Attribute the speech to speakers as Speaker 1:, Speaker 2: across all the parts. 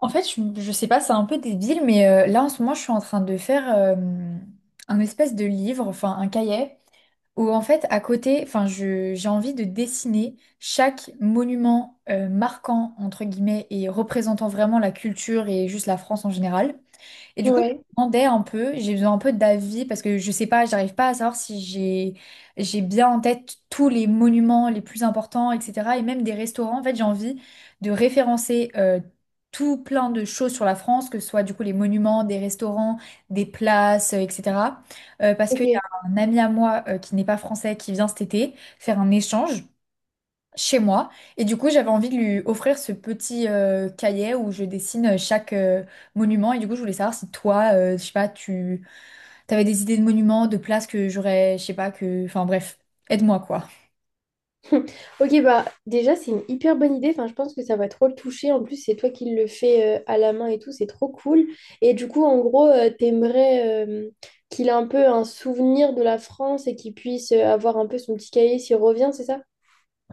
Speaker 1: En fait, je sais pas, c'est un peu débile, mais là en ce moment, je suis en train de faire un espèce de livre, enfin un cahier, où en fait, à côté, enfin, j'ai envie de dessiner chaque monument marquant, entre guillemets, et représentant vraiment la culture et juste la France en général. Et du coup, je
Speaker 2: Ouais,
Speaker 1: me demandais un peu, j'ai besoin un peu d'avis parce que je sais pas, j'arrive pas à savoir si j'ai bien en tête tous les monuments les plus importants, etc. Et même des restaurants. En fait, j'ai envie de référencer tout plein de choses sur la France, que ce soit du coup les monuments, des restaurants, des places, etc. Parce qu'il y a
Speaker 2: ok.
Speaker 1: un ami à moi qui n'est pas français qui vient cet été faire un échange chez moi. Et du coup, j'avais envie de lui offrir ce petit cahier où je dessine chaque monument. Et du coup, je voulais savoir si toi, je sais pas, tu avais des idées de monuments, de places que j'aurais, je sais pas, que... Enfin bref, aide-moi, quoi.
Speaker 2: Ok, bah déjà, c'est une hyper bonne idée. Enfin, je pense que ça va trop le toucher. En plus, c'est toi qui le fais à la main et tout. C'est trop cool. Et du coup, en gros, t'aimerais qu'il ait un peu un souvenir de la France et qu'il puisse avoir un peu son petit cahier s'il revient, c'est ça?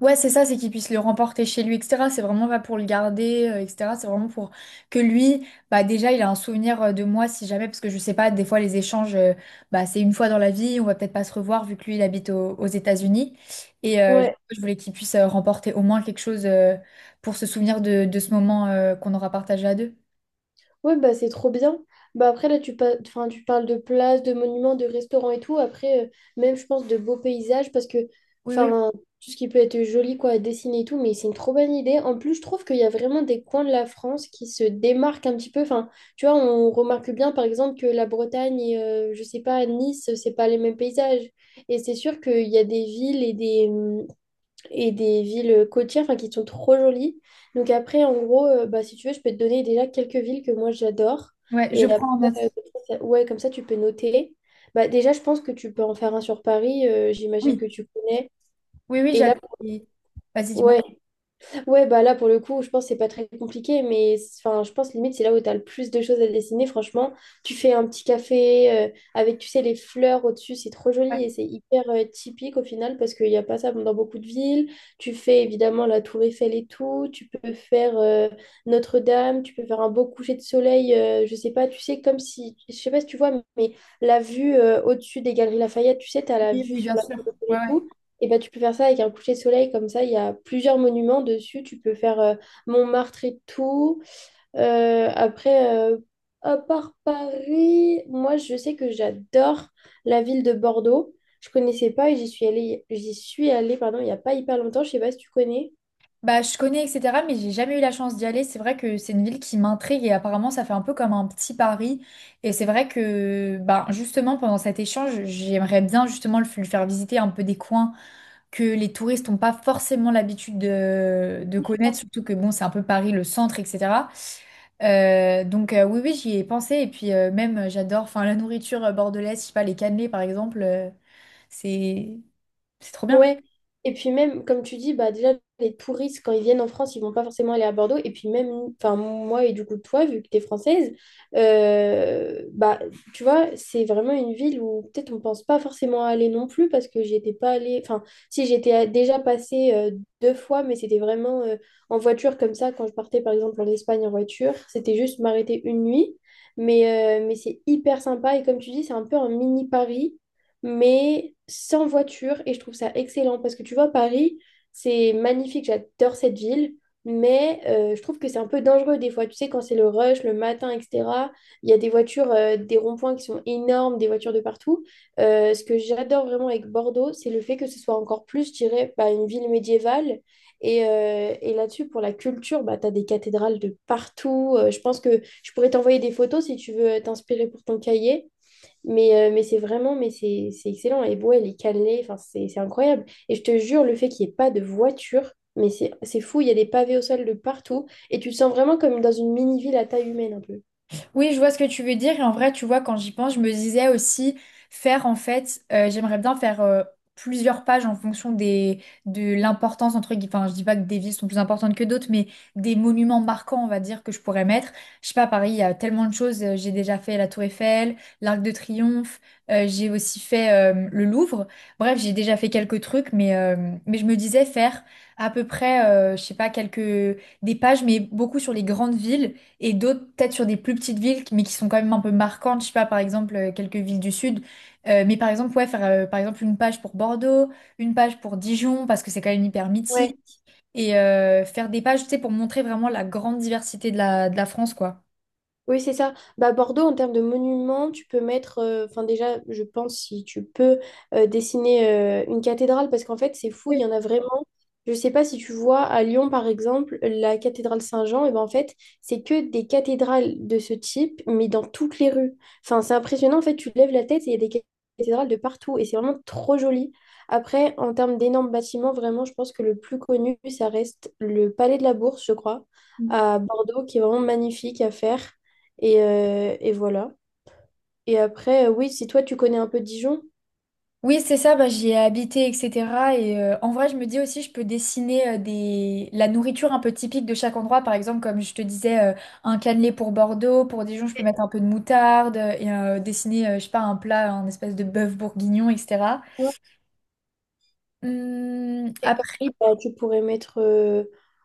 Speaker 1: Ouais, c'est ça, c'est qu'il puisse le remporter chez lui, etc. C'est vraiment pas pour le garder, etc. C'est vraiment pour que lui, bah déjà, il a un souvenir de moi, si jamais, parce que je sais pas, des fois, les échanges, bah c'est une fois dans la vie, on va peut-être pas se revoir, vu que lui, il habite aux États-Unis. Et du coup, je voulais qu'il puisse remporter au moins quelque chose pour se souvenir de ce moment qu'on aura partagé à deux.
Speaker 2: Ouais, bah c'est trop bien. Bah après, là, enfin, tu parles de places, de monuments, de restaurants et tout. Après, même, je pense, de beaux paysages parce que,
Speaker 1: Oui, oui,
Speaker 2: enfin, tout ce qui peut être joli, quoi, à dessiner et tout, mais c'est une trop bonne idée. En plus, je trouve qu'il y a vraiment des coins de la France qui se démarquent un petit peu. Enfin, tu vois, on remarque bien, par exemple, que la Bretagne et, je sais pas, Nice, c'est pas les mêmes paysages. Et c'est sûr qu'il y a des villes et des villes côtières enfin, qui sont trop jolies. Donc après, en gros, bah, si tu veux, je peux te donner déjà quelques villes que moi j'adore.
Speaker 1: ouais, je
Speaker 2: Et après,
Speaker 1: prends en note.
Speaker 2: comme ça, tu peux noter. Bah, déjà, je pense que tu peux en faire un sur Paris. J'imagine que
Speaker 1: Oui,
Speaker 2: tu connais.
Speaker 1: oui, oui,
Speaker 2: Et là,
Speaker 1: j'avais. Vas-y, dis-moi.
Speaker 2: ouais, ouais, bah là, pour le coup, je pense que c'est pas très compliqué, enfin, je pense limite c'est là où tu as le plus de choses à dessiner. Franchement, tu fais un petit café avec, tu sais, les fleurs au-dessus, c'est trop joli et c'est hyper typique au final parce qu'il n'y a pas ça dans beaucoup de villes. Tu fais évidemment la Tour Eiffel et tout, tu peux faire Notre-Dame, tu peux faire un beau coucher de soleil, je sais pas, tu sais, comme si, je sais pas si tu vois, mais la vue au-dessus des Galeries Lafayette, tu sais, tu as la
Speaker 1: Oui,
Speaker 2: vue
Speaker 1: oui,
Speaker 2: sur
Speaker 1: bien
Speaker 2: la
Speaker 1: sûr.
Speaker 2: Tour Eiffel
Speaker 1: Ouais,
Speaker 2: et
Speaker 1: ouais.
Speaker 2: tout. Et ben, tu peux faire ça avec un coucher de soleil, comme ça, il y a plusieurs monuments dessus. Tu peux faire Montmartre et tout. Euh, après, euh, à part Paris, moi, je sais que j'adore la ville de Bordeaux. Je connaissais pas et j'y suis allée, pardon, il n'y a pas hyper longtemps. Je sais pas si tu connais.
Speaker 1: Bah, je connais, etc., mais j'ai jamais eu la chance d'y aller. C'est vrai que c'est une ville qui m'intrigue et apparemment, ça fait un peu comme un petit Paris. Et c'est vrai que, bah, justement, pendant cet échange, j'aimerais bien justement le lui faire visiter un peu des coins que les touristes n'ont pas forcément l'habitude de connaître, surtout que, bon, c'est un peu Paris, le centre, etc. Donc, oui, oui, j'y ai pensé. Et puis, même, j'adore, enfin, la nourriture bordelaise, je sais pas, les cannelés, par exemple, c'est c'est trop bien.
Speaker 2: Ouais. Et puis même, comme tu dis, bah déjà, les touristes, quand ils viennent en France, ils vont pas forcément aller à Bordeaux. Et puis même, enfin, moi et du coup toi, vu que tu es française, bah, tu vois, c'est vraiment une ville où peut-être on pense pas forcément aller non plus parce que j'y étais pas allée. Enfin, si déjà passée deux fois, mais c'était vraiment en voiture comme ça, quand je partais par exemple en Espagne en voiture, c'était juste m'arrêter une nuit. Mais c'est hyper sympa. Et comme tu dis, c'est un peu un mini Paris mais sans voiture. Et je trouve ça excellent parce que tu vois, Paris, c'est magnifique, j'adore cette ville, mais je trouve que c'est un peu dangereux des fois. Tu sais, quand c'est le rush, le matin, etc., il y a des voitures, des ronds-points qui sont énormes, des voitures de partout. Ce que j'adore vraiment avec Bordeaux, c'est le fait que ce soit encore plus, je dirais, bah, une ville médiévale. Et là-dessus, pour la culture, bah, tu as des cathédrales de partout. Je pense que je pourrais t'envoyer des photos si tu veux t'inspirer pour ton cahier. Mais c'est excellent. Et Bois, elle est cannelée, enfin, c'est incroyable. Et je te jure, le fait qu'il n'y ait pas de voiture, mais c'est fou, il y a des pavés au sol de partout. Et tu te sens vraiment comme dans une mini-ville à taille humaine un peu.
Speaker 1: Oui, je vois ce que tu veux dire. Et en vrai, tu vois, quand j'y pense, je me disais aussi faire, en fait, j'aimerais bien faire plusieurs pages en fonction des, de l'importance, entre guillemets, enfin, je dis pas que des villes sont plus importantes que d'autres, mais des monuments marquants, on va dire, que je pourrais mettre. Je sais pas, à Paris, il y a tellement de choses. J'ai déjà fait la Tour Eiffel, l'Arc de Triomphe, j'ai aussi fait le Louvre. Bref, j'ai déjà fait quelques trucs, mais mais je me disais faire à peu près, je sais pas, quelques, des pages, mais beaucoup sur les grandes villes et d'autres, peut-être sur des plus petites villes, mais qui sont quand même un peu marquantes. Je sais pas, par exemple, quelques villes du sud. Mais par exemple, ouais, faire par exemple une page pour Bordeaux, une page pour Dijon, parce que c'est quand même hyper
Speaker 2: Ouais.
Speaker 1: mythique. Et faire des pages, tu sais, pour montrer vraiment la grande diversité de de la France, quoi.
Speaker 2: Oui, c'est ça. Bah, Bordeaux, en termes de monuments, tu peux mettre, enfin déjà, je pense si tu peux dessiner une cathédrale, parce qu'en fait, c'est fou, il y en a vraiment. Je sais pas si tu vois à Lyon, par exemple, la cathédrale Saint-Jean, et ben en fait, c'est que des cathédrales de ce type, mais dans toutes les rues. Enfin, c'est impressionnant, en fait, tu lèves la tête et il y a des cathédrales de partout, et c'est vraiment trop joli. Après, en termes d'énormes bâtiments, vraiment, je pense que le plus connu, ça reste le Palais de la Bourse, je crois,
Speaker 1: Oui.
Speaker 2: à Bordeaux, qui est vraiment magnifique à faire. Et voilà. Et après, oui, si toi, tu connais un peu Dijon.
Speaker 1: Oui, c'est ça, bah, j'y ai habité, etc. Et en vrai, je me dis aussi, je peux dessiner des... la nourriture un peu typique de chaque endroit. Par exemple, comme je te disais, un cannelé pour Bordeaux, pour Dijon, je peux mettre un peu de moutarde et dessiner, je sais pas, un plat, un espèce de bœuf bourguignon, etc.
Speaker 2: Ouais.
Speaker 1: Hum.
Speaker 2: Et pareil, bah, tu pourrais mettre.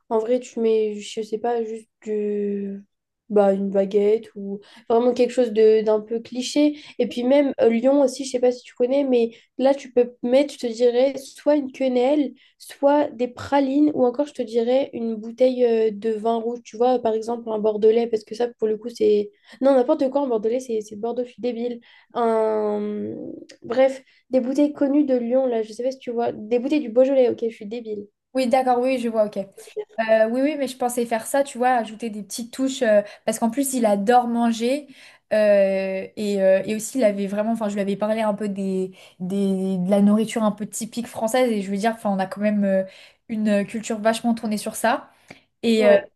Speaker 2: En vrai, tu mets, je sais pas, bah, une baguette ou vraiment quelque chose de d'un peu cliché. Et puis même Lyon aussi, je sais pas si tu connais, mais là, tu peux mettre, je te dirais, soit une quenelle, soit des pralines, ou encore, je te dirais, une bouteille de vin rouge. Tu vois, par exemple, un bordelais, parce que ça, pour le coup, c'est. Non, n'importe quoi, un bordelais, c'est Bordeaux, je suis débile. Un... Bref. Des bouteilles connues de Lyon, là, je sais pas si tu vois. Des bouteilles du Beaujolais, ok, je suis débile.
Speaker 1: Oui, d'accord, oui, je vois, ok. Oui, oui, mais je pensais faire ça, tu vois, ajouter des petites touches, parce qu'en plus, il adore manger, et et aussi, il avait vraiment, enfin, je lui avais parlé un peu des, de la nourriture un peu typique française, et je veux dire, enfin, on a quand même une culture vachement tournée sur ça. Et
Speaker 2: Ouais,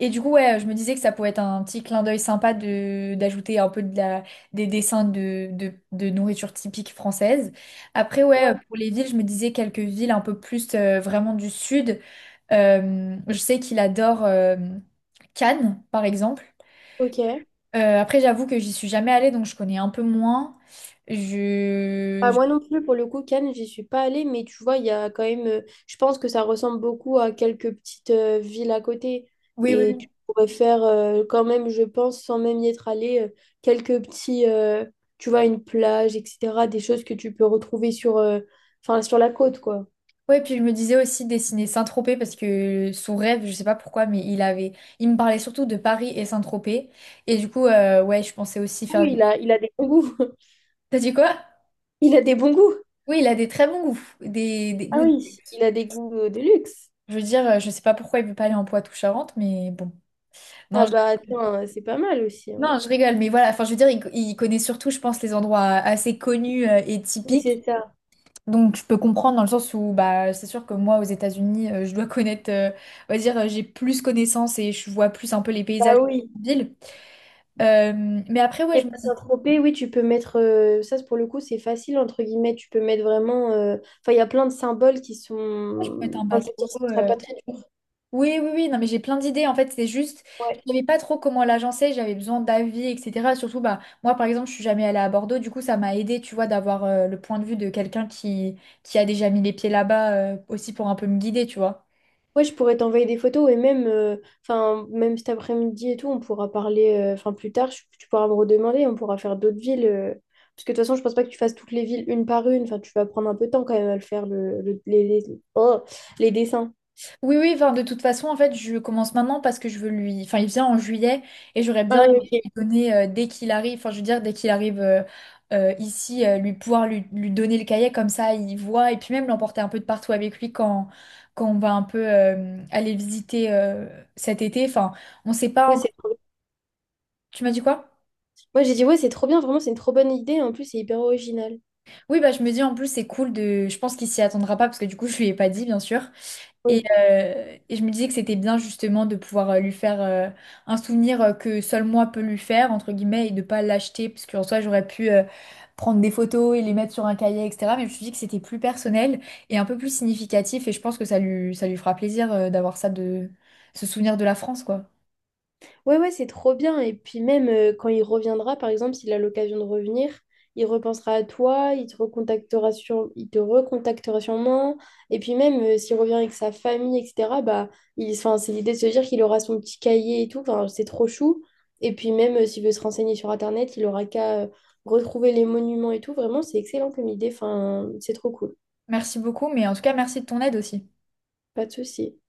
Speaker 1: et du coup, ouais, je me disais que ça pouvait être un petit clin d'œil sympa d'ajouter un peu de des dessins de nourriture typique française. Après, ouais,
Speaker 2: ouais,
Speaker 1: pour les villes, je me disais quelques villes un peu plus vraiment du sud. Je sais qu'il adore Cannes, par exemple.
Speaker 2: ok.
Speaker 1: Après, j'avoue que j'y suis jamais allée, donc je connais un peu moins. Je...
Speaker 2: Ah,
Speaker 1: je-
Speaker 2: moi non plus, pour le coup, Cannes, j'y suis pas allée, mais tu vois, il y a quand même. Je pense que ça ressemble beaucoup à quelques petites villes à côté.
Speaker 1: Oui, oui,
Speaker 2: Et tu
Speaker 1: oui.
Speaker 2: pourrais faire, quand même, je pense, sans même y être allée, quelques petits. Tu vois, une plage, etc. Des choses que tu peux retrouver sur, enfin, sur la côte, quoi.
Speaker 1: Ouais, puis je me disais aussi dessiner Saint-Tropez parce que son rêve, je sais pas pourquoi, mais il avait, il me parlait surtout de Paris et Saint-Tropez. Et du coup, ouais, je pensais aussi faire.
Speaker 2: Oui, il a des bons goûts.
Speaker 1: T'as dit quoi?
Speaker 2: Il a des bons goûts.
Speaker 1: Oui, il a des très bons goûts. Des
Speaker 2: Ah
Speaker 1: goûts.
Speaker 2: oui, il a des goûts de luxe.
Speaker 1: Je veux dire, je sais pas pourquoi il veut pas aller en Poitou-Charentes, mais bon. Non.
Speaker 2: Ah bah attends, c'est pas mal aussi. Hein.
Speaker 1: Non, je rigole, mais voilà, enfin, je veux dire, il, il connaît surtout, je pense, les endroits assez connus et
Speaker 2: Oui,
Speaker 1: typiques.
Speaker 2: c'est ça.
Speaker 1: Donc, je peux comprendre dans le sens où, bah, c'est sûr que moi, aux États-Unis, je dois connaître, on va dire, j'ai plus connaissance et je vois plus un peu les
Speaker 2: Bah
Speaker 1: paysages
Speaker 2: oui.
Speaker 1: de la ville. Mais après, ouais,
Speaker 2: Et
Speaker 1: je me
Speaker 2: bah
Speaker 1: dis,
Speaker 2: Saint-Tropez, oui, tu peux mettre, pour le coup c'est facile entre guillemets, tu peux mettre vraiment, enfin il y a plein de symboles qui sont,
Speaker 1: je peux être un
Speaker 2: enfin, je veux dire,
Speaker 1: bateau.
Speaker 2: ce sera pas très dur.
Speaker 1: Oui, oui, oui, non, mais j'ai plein d'idées. En fait, c'est juste,
Speaker 2: Ouais.
Speaker 1: je savais pas trop comment l'agencer, j'avais besoin d'avis, etc. Surtout, bah, moi, par exemple, je suis jamais allée à Bordeaux, du coup, ça m'a aidé, tu vois, d'avoir le point de vue de quelqu'un qui a déjà mis les pieds là-bas, aussi pour un peu me guider, tu vois.
Speaker 2: Ouais, je pourrais t'envoyer des photos et même, enfin, même cet après-midi et tout, on pourra parler, enfin plus tard, tu pourras me redemander, on pourra faire d'autres villes, parce que de toute façon je pense pas que tu fasses toutes les villes une par une, enfin tu vas prendre un peu de temps quand même à le faire, oh, les dessins.
Speaker 1: Oui, oui, enfin, de toute façon, en fait, je commence maintenant parce que je veux lui. Enfin, il vient en juillet et j'aurais
Speaker 2: Ah
Speaker 1: bien
Speaker 2: oui,
Speaker 1: aimé
Speaker 2: ok.
Speaker 1: lui donner dès qu'il arrive, enfin, je veux dire, dès qu'il arrive ici, lui pouvoir lui donner le cahier comme ça, il voit et puis même l'emporter un peu de partout avec lui quand, quand on va un peu aller visiter cet été. Enfin, on sait pas
Speaker 2: Ouais,
Speaker 1: encore.
Speaker 2: c'est
Speaker 1: Tu m'as dit quoi?
Speaker 2: Moi, j'ai dit, ouais, c'est trop bien, vraiment, c'est une trop bonne idée. En plus, c'est hyper original.
Speaker 1: Oui, bah, je me dis en plus, c'est cool de. Je pense qu'il s'y attendra pas parce que du coup, je lui ai pas dit, bien sûr. Et,
Speaker 2: Oui.
Speaker 1: euh, et je me disais que c'était bien justement de pouvoir lui faire un souvenir que seul moi peux lui faire, entre guillemets, et de pas l'acheter, parce qu'en soi j'aurais pu prendre des photos et les mettre sur un cahier, etc. Mais je me suis dit que c'était plus personnel et un peu plus significatif, et je pense que ça lui fera plaisir d'avoir ça de ce souvenir de la France, quoi.
Speaker 2: Ouais, ouais, c'est trop bien. Et puis, même quand il reviendra, par exemple, s'il a l'occasion de revenir, il repensera à toi, il te recontactera sûrement. Et puis, même s'il revient avec sa famille, etc., enfin, c'est l'idée de se dire qu'il aura son petit cahier et tout. Enfin, c'est trop chou. Et puis, même s'il veut se renseigner sur Internet, il aura qu'à retrouver les monuments et tout. Vraiment, c'est excellent comme idée. Enfin, c'est trop cool.
Speaker 1: Merci beaucoup, mais en tout cas merci de ton aide aussi.
Speaker 2: Pas de souci.